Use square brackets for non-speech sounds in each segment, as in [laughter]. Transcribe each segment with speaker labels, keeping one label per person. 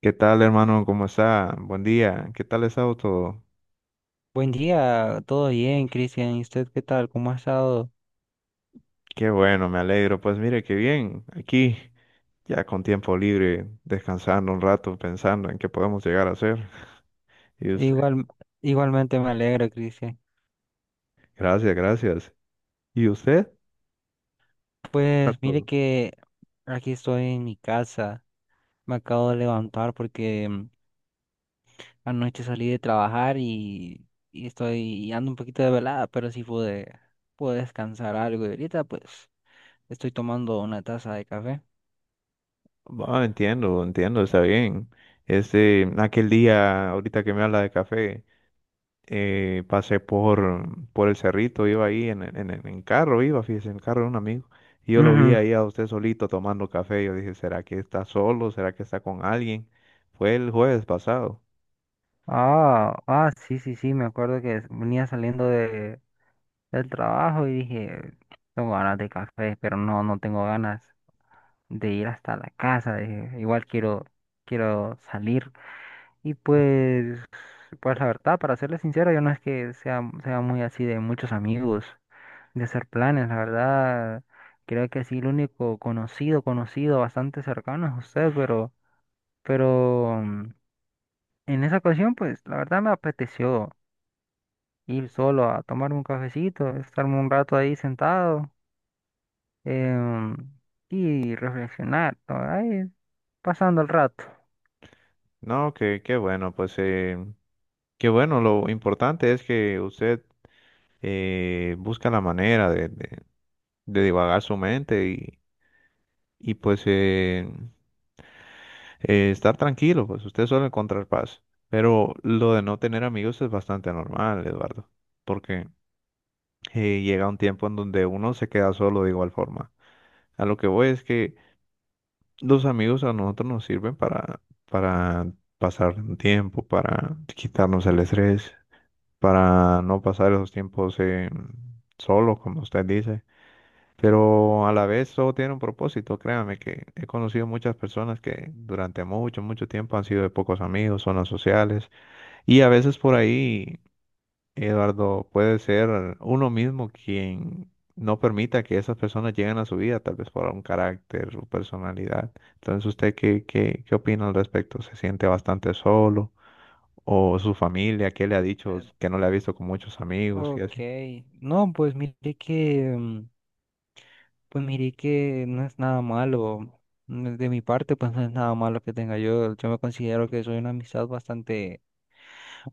Speaker 1: ¿Qué tal, hermano? ¿Cómo está? Buen día. ¿Qué tal ha estado todo?
Speaker 2: Buen día, todo bien, Cristian. ¿Y usted qué tal? ¿Cómo ha estado?
Speaker 1: Qué bueno, me alegro. Pues mire, qué bien. Aquí, ya con tiempo libre, descansando un rato, pensando en qué podemos llegar a hacer. [laughs] Y usted,
Speaker 2: Igual, igualmente me alegro, Cristian.
Speaker 1: gracias, gracias. ¿Y usted? ¿Qué tal
Speaker 2: Pues mire
Speaker 1: todo?
Speaker 2: que aquí estoy en mi casa. Me acabo de levantar porque anoche salí de trabajar y ando un poquito de velada, pero pude descansar algo. Y ahorita pues estoy tomando una taza de café.
Speaker 1: Bueno, entiendo, entiendo, está bien. Este, aquel día, ahorita que me habla de café. Pasé por el cerrito, iba ahí en carro, iba, fíjese, en el carro de un amigo. Y yo lo vi
Speaker 2: Ujú.
Speaker 1: ahí a usted solito tomando café. Yo dije, ¿será que está solo? ¿Será que está con alguien? Fue el jueves pasado.
Speaker 2: Ah, ah, sí, sí, sí, me acuerdo que venía del trabajo y dije, tengo ganas de café, pero no, no tengo ganas de ir hasta la casa, dije, quiero salir. Y pues, pues la verdad, para serles sincero, yo no es que sea muy así de muchos amigos, de hacer planes, la verdad, creo que sí, el único conocido, bastante cercano es usted, pero, pero en esa ocasión, pues la verdad me apeteció ir solo a tomarme un cafecito, estarme un rato ahí sentado em, y reflexionar, ¿no? Ahí, pasando el rato.
Speaker 1: No, que qué bueno, qué bueno. Lo importante es que usted busca la manera de divagar su mente y pues estar tranquilo, pues usted suele encontrar paz. Pero lo de no tener amigos es bastante normal, Eduardo, porque llega un tiempo en donde uno se queda solo de igual forma. A lo que voy es que los amigos a nosotros nos sirven para pasar un tiempo, para quitarnos el estrés, para no pasar esos tiempos solo, como usted dice. Pero a la vez todo tiene un propósito, créame que he conocido muchas personas que durante mucho, mucho tiempo han sido de pocos amigos, zonas sociales, y a veces por ahí, Eduardo, puede ser uno mismo quien no permita que esas personas lleguen a su vida, tal vez por un carácter o personalidad. Entonces, ¿usted qué opina al respecto? ¿Se siente bastante solo? ¿O su familia, qué le ha dicho
Speaker 2: Eh,
Speaker 1: que no le ha visto con muchos amigos y
Speaker 2: Ok,
Speaker 1: así?
Speaker 2: no, pues pues mire que no es nada malo. De mi parte, pues no es nada malo que tenga yo. Yo me considero que soy una amistad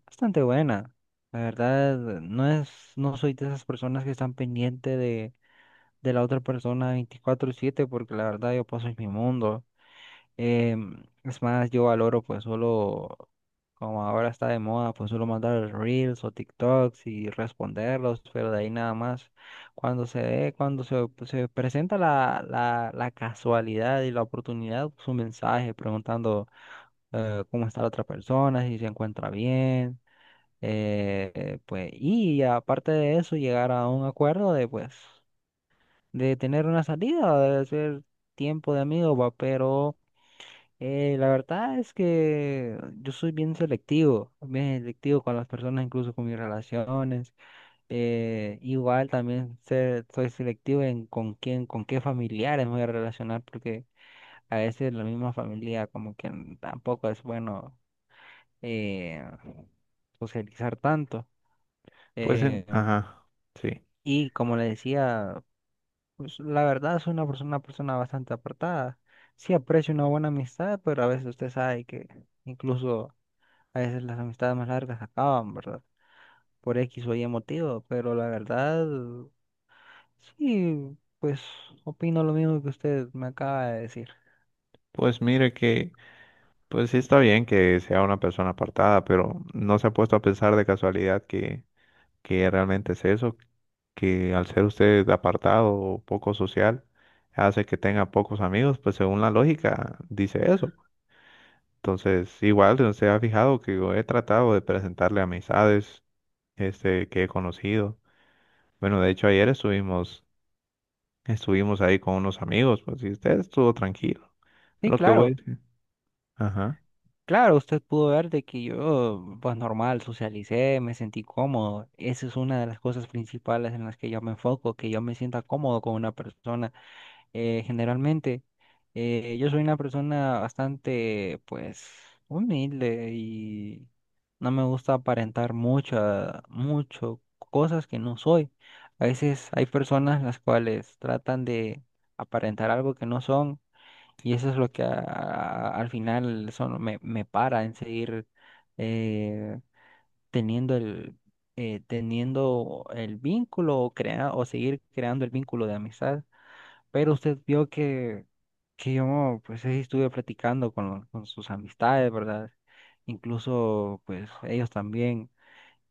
Speaker 2: bastante buena. La verdad, no soy de esas personas que están de la otra persona 24/7, porque la verdad yo paso en mi mundo. Es más, yo valoro pues solo, como ahora está de moda, pues solo mandar reels o TikToks y responderlos, pero de ahí nada más. Se presenta la casualidad y la oportunidad, pues un mensaje preguntando cómo está la otra persona, si se encuentra bien, pues, y aparte de eso, llegar a un acuerdo de pues, de tener una salida, de hacer tiempo de amigo, va, pero la verdad es que yo soy bien selectivo con las personas, incluso con mis relaciones. Igual también soy selectivo en con quién, con qué familiares me voy a relacionar, porque a veces la misma familia como que tampoco es bueno eh, socializar tanto.
Speaker 1: Pues,
Speaker 2: Eh,
Speaker 1: ajá, sí.
Speaker 2: y como le decía, pues, la verdad soy una persona bastante apartada. Sí aprecio una buena amistad, pero a veces usted sabe que incluso a veces las amistades más largas acaban, ¿verdad? Por X o Y motivo, pero la verdad, sí, pues opino lo mismo que usted me acaba de decir.
Speaker 1: Pues mire que... Pues sí está bien que sea una persona apartada, pero no se ha puesto a pensar de casualidad que realmente es eso, que al ser usted apartado o poco social, hace que tenga pocos amigos, pues según la lógica dice eso. Entonces, igual si usted ha fijado que yo he tratado de presentarle amistades este, que he conocido. Bueno, de hecho estuvimos ahí con unos amigos, pues y usted estuvo tranquilo. Es
Speaker 2: Sí,
Speaker 1: lo que voy a
Speaker 2: claro,
Speaker 1: decir. Ajá.
Speaker 2: claro, usted pudo ver de que yo, pues normal, socialicé, me sentí cómodo. Esa es una de las cosas principales en las que yo me enfoco, que yo me sienta cómodo con una persona, generalmente. Yo soy una persona bastante, pues, humilde y no me gusta aparentar mucho cosas que no soy. A veces hay personas las cuales tratan de aparentar algo que no son y eso es lo que al final son, me para en seguir eh, teniendo el, teniendo el vínculo o, o seguir creando el vínculo de amistad. Pero usted vio que yo pues ahí estuve platicando con, con sus amistades, ¿verdad? Incluso pues ellos también,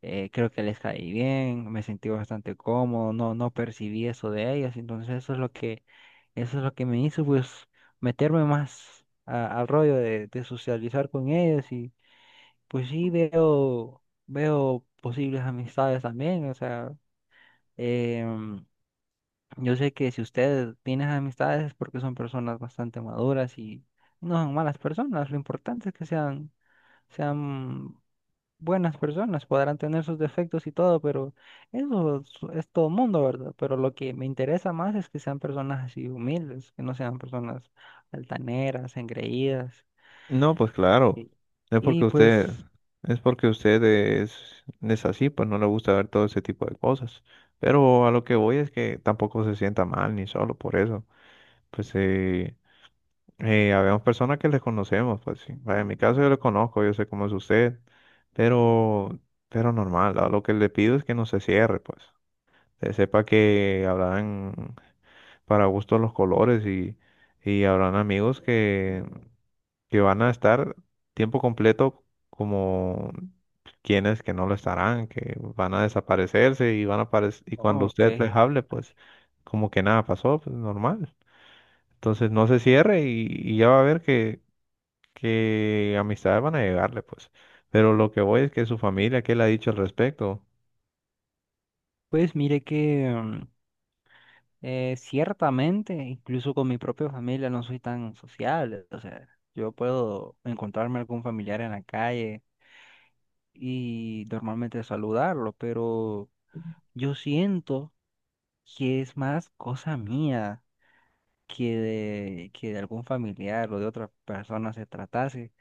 Speaker 2: creo que les caí bien, me sentí bastante cómodo, no, no percibí eso de ellos, entonces eso es lo que, eso es lo que me hizo pues meterme más al rollo de socializar con ellos y pues sí veo, veo posibles amistades también, o sea, em, yo sé que si usted tiene esas amistades es porque son personas bastante maduras y no son malas personas. Lo importante es que sean buenas personas. Podrán tener sus defectos y todo, pero es todo mundo, ¿verdad? Pero lo que me interesa más es que sean personas así humildes, que no sean personas altaneras, engreídas.
Speaker 1: No, pues claro.
Speaker 2: Y,
Speaker 1: Es porque
Speaker 2: y pues,
Speaker 1: usted, es porque usted es así, pues no le gusta ver todo ese tipo de cosas. Pero a lo que voy es que tampoco se sienta mal ni solo por eso. Pues habemos personas que les conocemos, pues sí. Vaya, en mi caso yo le conozco, yo sé cómo es usted, pero, pero normal. A lo que le pido es que no se cierre, pues. Que sepa que habrán para gusto los colores y habrán amigos que van a estar tiempo completo como quienes que no lo estarán, que van a desaparecerse y van a aparecer, y cuando usted les
Speaker 2: ok.
Speaker 1: hable, pues
Speaker 2: Así.
Speaker 1: como que nada pasó, pues normal. Entonces no se cierre y ya va a ver que amistades van a llegarle, pues. Pero lo que voy es que su familia, ¿qué le ha dicho al respecto?
Speaker 2: Pues mire que... ciertamente, incluso con mi propia familia no soy tan sociable. O sea, yo puedo encontrarme algún familiar en la calle y normalmente saludarlo, pero yo siento que es más cosa mía que de algún familiar o de otra persona se tratase.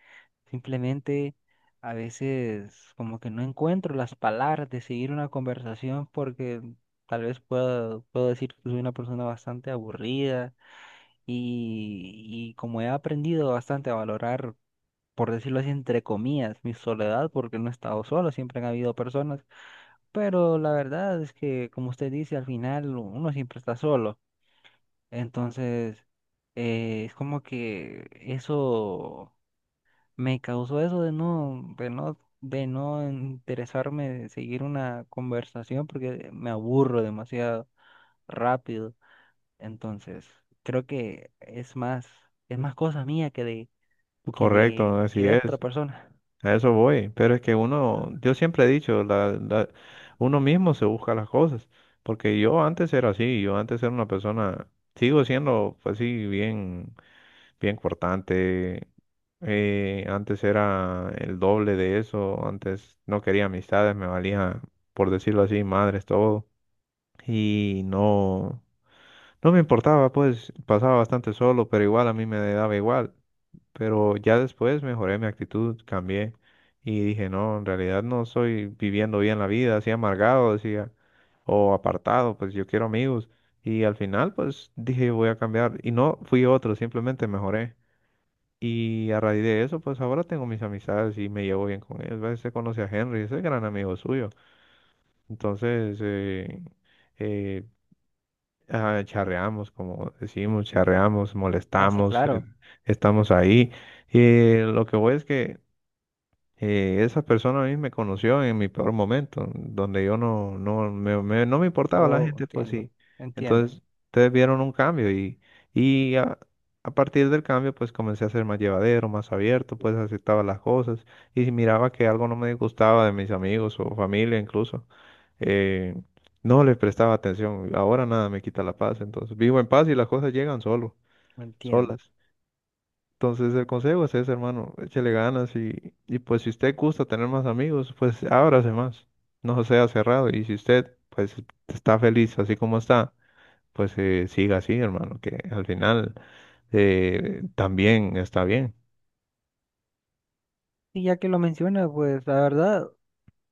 Speaker 2: Simplemente a veces como que no encuentro las palabras de seguir una conversación porque tal vez puedo decir que soy una persona bastante aburrida y como he aprendido bastante a valorar, por decirlo así, entre comillas, mi soledad, porque no he estado solo, siempre han habido personas, pero la verdad es que, como usted dice, al final uno siempre está solo, entonces, es como que eso me causó eso de de no interesarme, de seguir una conversación, porque me aburro demasiado rápido. Entonces, creo que es más cosa mía
Speaker 1: Correcto,
Speaker 2: que
Speaker 1: así
Speaker 2: de otra
Speaker 1: es.
Speaker 2: persona.
Speaker 1: A eso voy, pero es que uno, yo siempre he dicho, uno mismo se busca las cosas, porque yo antes era así, yo antes era una persona, sigo siendo pues, bien cortante, antes era el doble de eso, antes no quería amistades, me valía, por decirlo así, madres, todo, y no. No me importaba, pues pasaba bastante solo, pero igual a mí me daba igual. Pero ya después mejoré mi actitud, cambié y dije, no, en realidad no estoy viviendo bien la vida, así amargado, decía, o apartado, pues yo quiero amigos. Y al final, pues dije, voy a cambiar. Y no fui otro, simplemente mejoré. Y a raíz de eso, pues ahora tengo mis amistades y me llevo bien con ellos. A veces conoce a Henry, ese es gran amigo suyo. Entonces, eh, charreamos, como decimos, charreamos,
Speaker 2: Ah, sí,
Speaker 1: molestamos,
Speaker 2: claro.
Speaker 1: estamos ahí. Y lo que voy es que esa persona a mí me conoció en mi peor momento, donde yo no me importaba la
Speaker 2: Oh,
Speaker 1: gente, pues
Speaker 2: entiendo,
Speaker 1: sí.
Speaker 2: entiendo,
Speaker 1: Entonces, ustedes vieron un cambio y a partir del cambio, pues comencé a ser más llevadero, más abierto, pues aceptaba las cosas. Y si miraba que algo no me gustaba de mis amigos o familia incluso. Eh, no le prestaba atención. Ahora nada me quita la paz. Entonces vivo en paz y las cosas llegan
Speaker 2: entiendo.
Speaker 1: solas. Entonces el consejo es ese, hermano. Échele ganas y pues si usted gusta tener más amigos, pues ábrase más. No sea cerrado. Y si usted pues está feliz así como está pues siga así, hermano, que al final también está bien.
Speaker 2: Y ya que lo menciona, pues la verdad,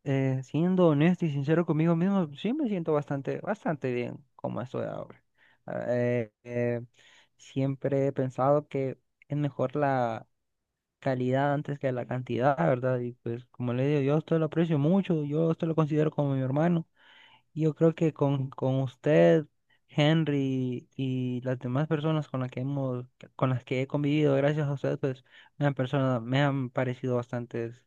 Speaker 2: siendo honesto y sincero conmigo mismo, sí me siento bastante bien como estoy ahora. Ah, Eh, eh, Siempre he pensado que es mejor la calidad antes que la cantidad, ¿verdad? Y pues como le digo, yo a usted lo aprecio mucho, yo a usted lo considero como mi hermano. Yo creo que con usted, Henry y las demás personas con las con las que he convivido, gracias a usted, pues me han parecido bastantes,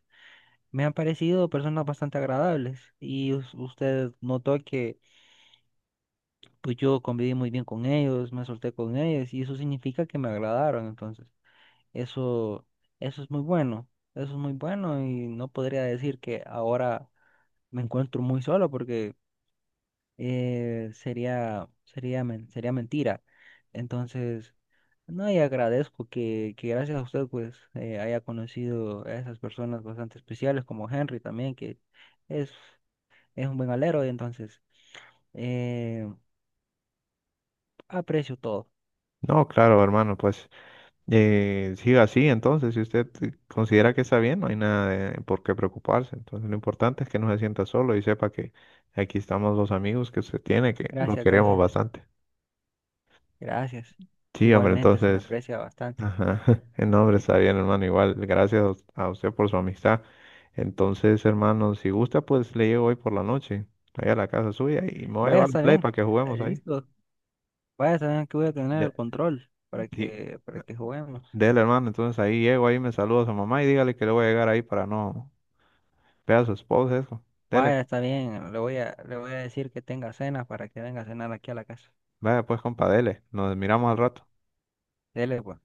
Speaker 2: me han parecido personas bastante agradables. Y usted notó que pues yo conviví muy bien con ellos, me solté con ellos, y eso significa que me agradaron. Entonces, eso, eso es muy bueno, eso es muy bueno, y no podría decir que ahora me encuentro muy solo porque, sería mentira. Entonces, no, y agradezco que gracias a usted pues haya conocido a esas personas bastante especiales como Henry también, que es, es un buen alero, y entonces eh, aprecio todo.
Speaker 1: No, claro, hermano, pues siga así, entonces, si usted considera que está bien, no hay nada de por qué preocuparse. Entonces, lo importante es que no se sienta solo y sepa que aquí estamos los amigos que se tiene, que lo
Speaker 2: Gracias,
Speaker 1: queremos
Speaker 2: gracias,
Speaker 1: bastante.
Speaker 2: gracias.
Speaker 1: Sí, hombre,
Speaker 2: Igualmente se le
Speaker 1: entonces...
Speaker 2: aprecia bastante.
Speaker 1: Ajá. [laughs] No, hombre, está bien, hermano. Igual, gracias a usted por su amistad. Entonces, hermano, si gusta, pues le llego hoy por la noche, allá a la casa suya y me voy a
Speaker 2: Vaya,
Speaker 1: llevar el
Speaker 2: está
Speaker 1: play
Speaker 2: bien,
Speaker 1: para que juguemos ahí.
Speaker 2: listo. Vaya, está bien que voy a tener
Speaker 1: De,
Speaker 2: el control
Speaker 1: sí,
Speaker 2: para que juguemos.
Speaker 1: dele, hermano. Entonces ahí llego, ahí me saluda a su mamá y dígale que le voy a llegar ahí para no ver a su esposa, eso. Dele,
Speaker 2: Vaya,
Speaker 1: compa.
Speaker 2: está bien, le voy a decir que tenga cena para que venga a cenar aquí a la casa.
Speaker 1: Vaya pues, compa, dele. Nos miramos al rato.
Speaker 2: Dele, pues.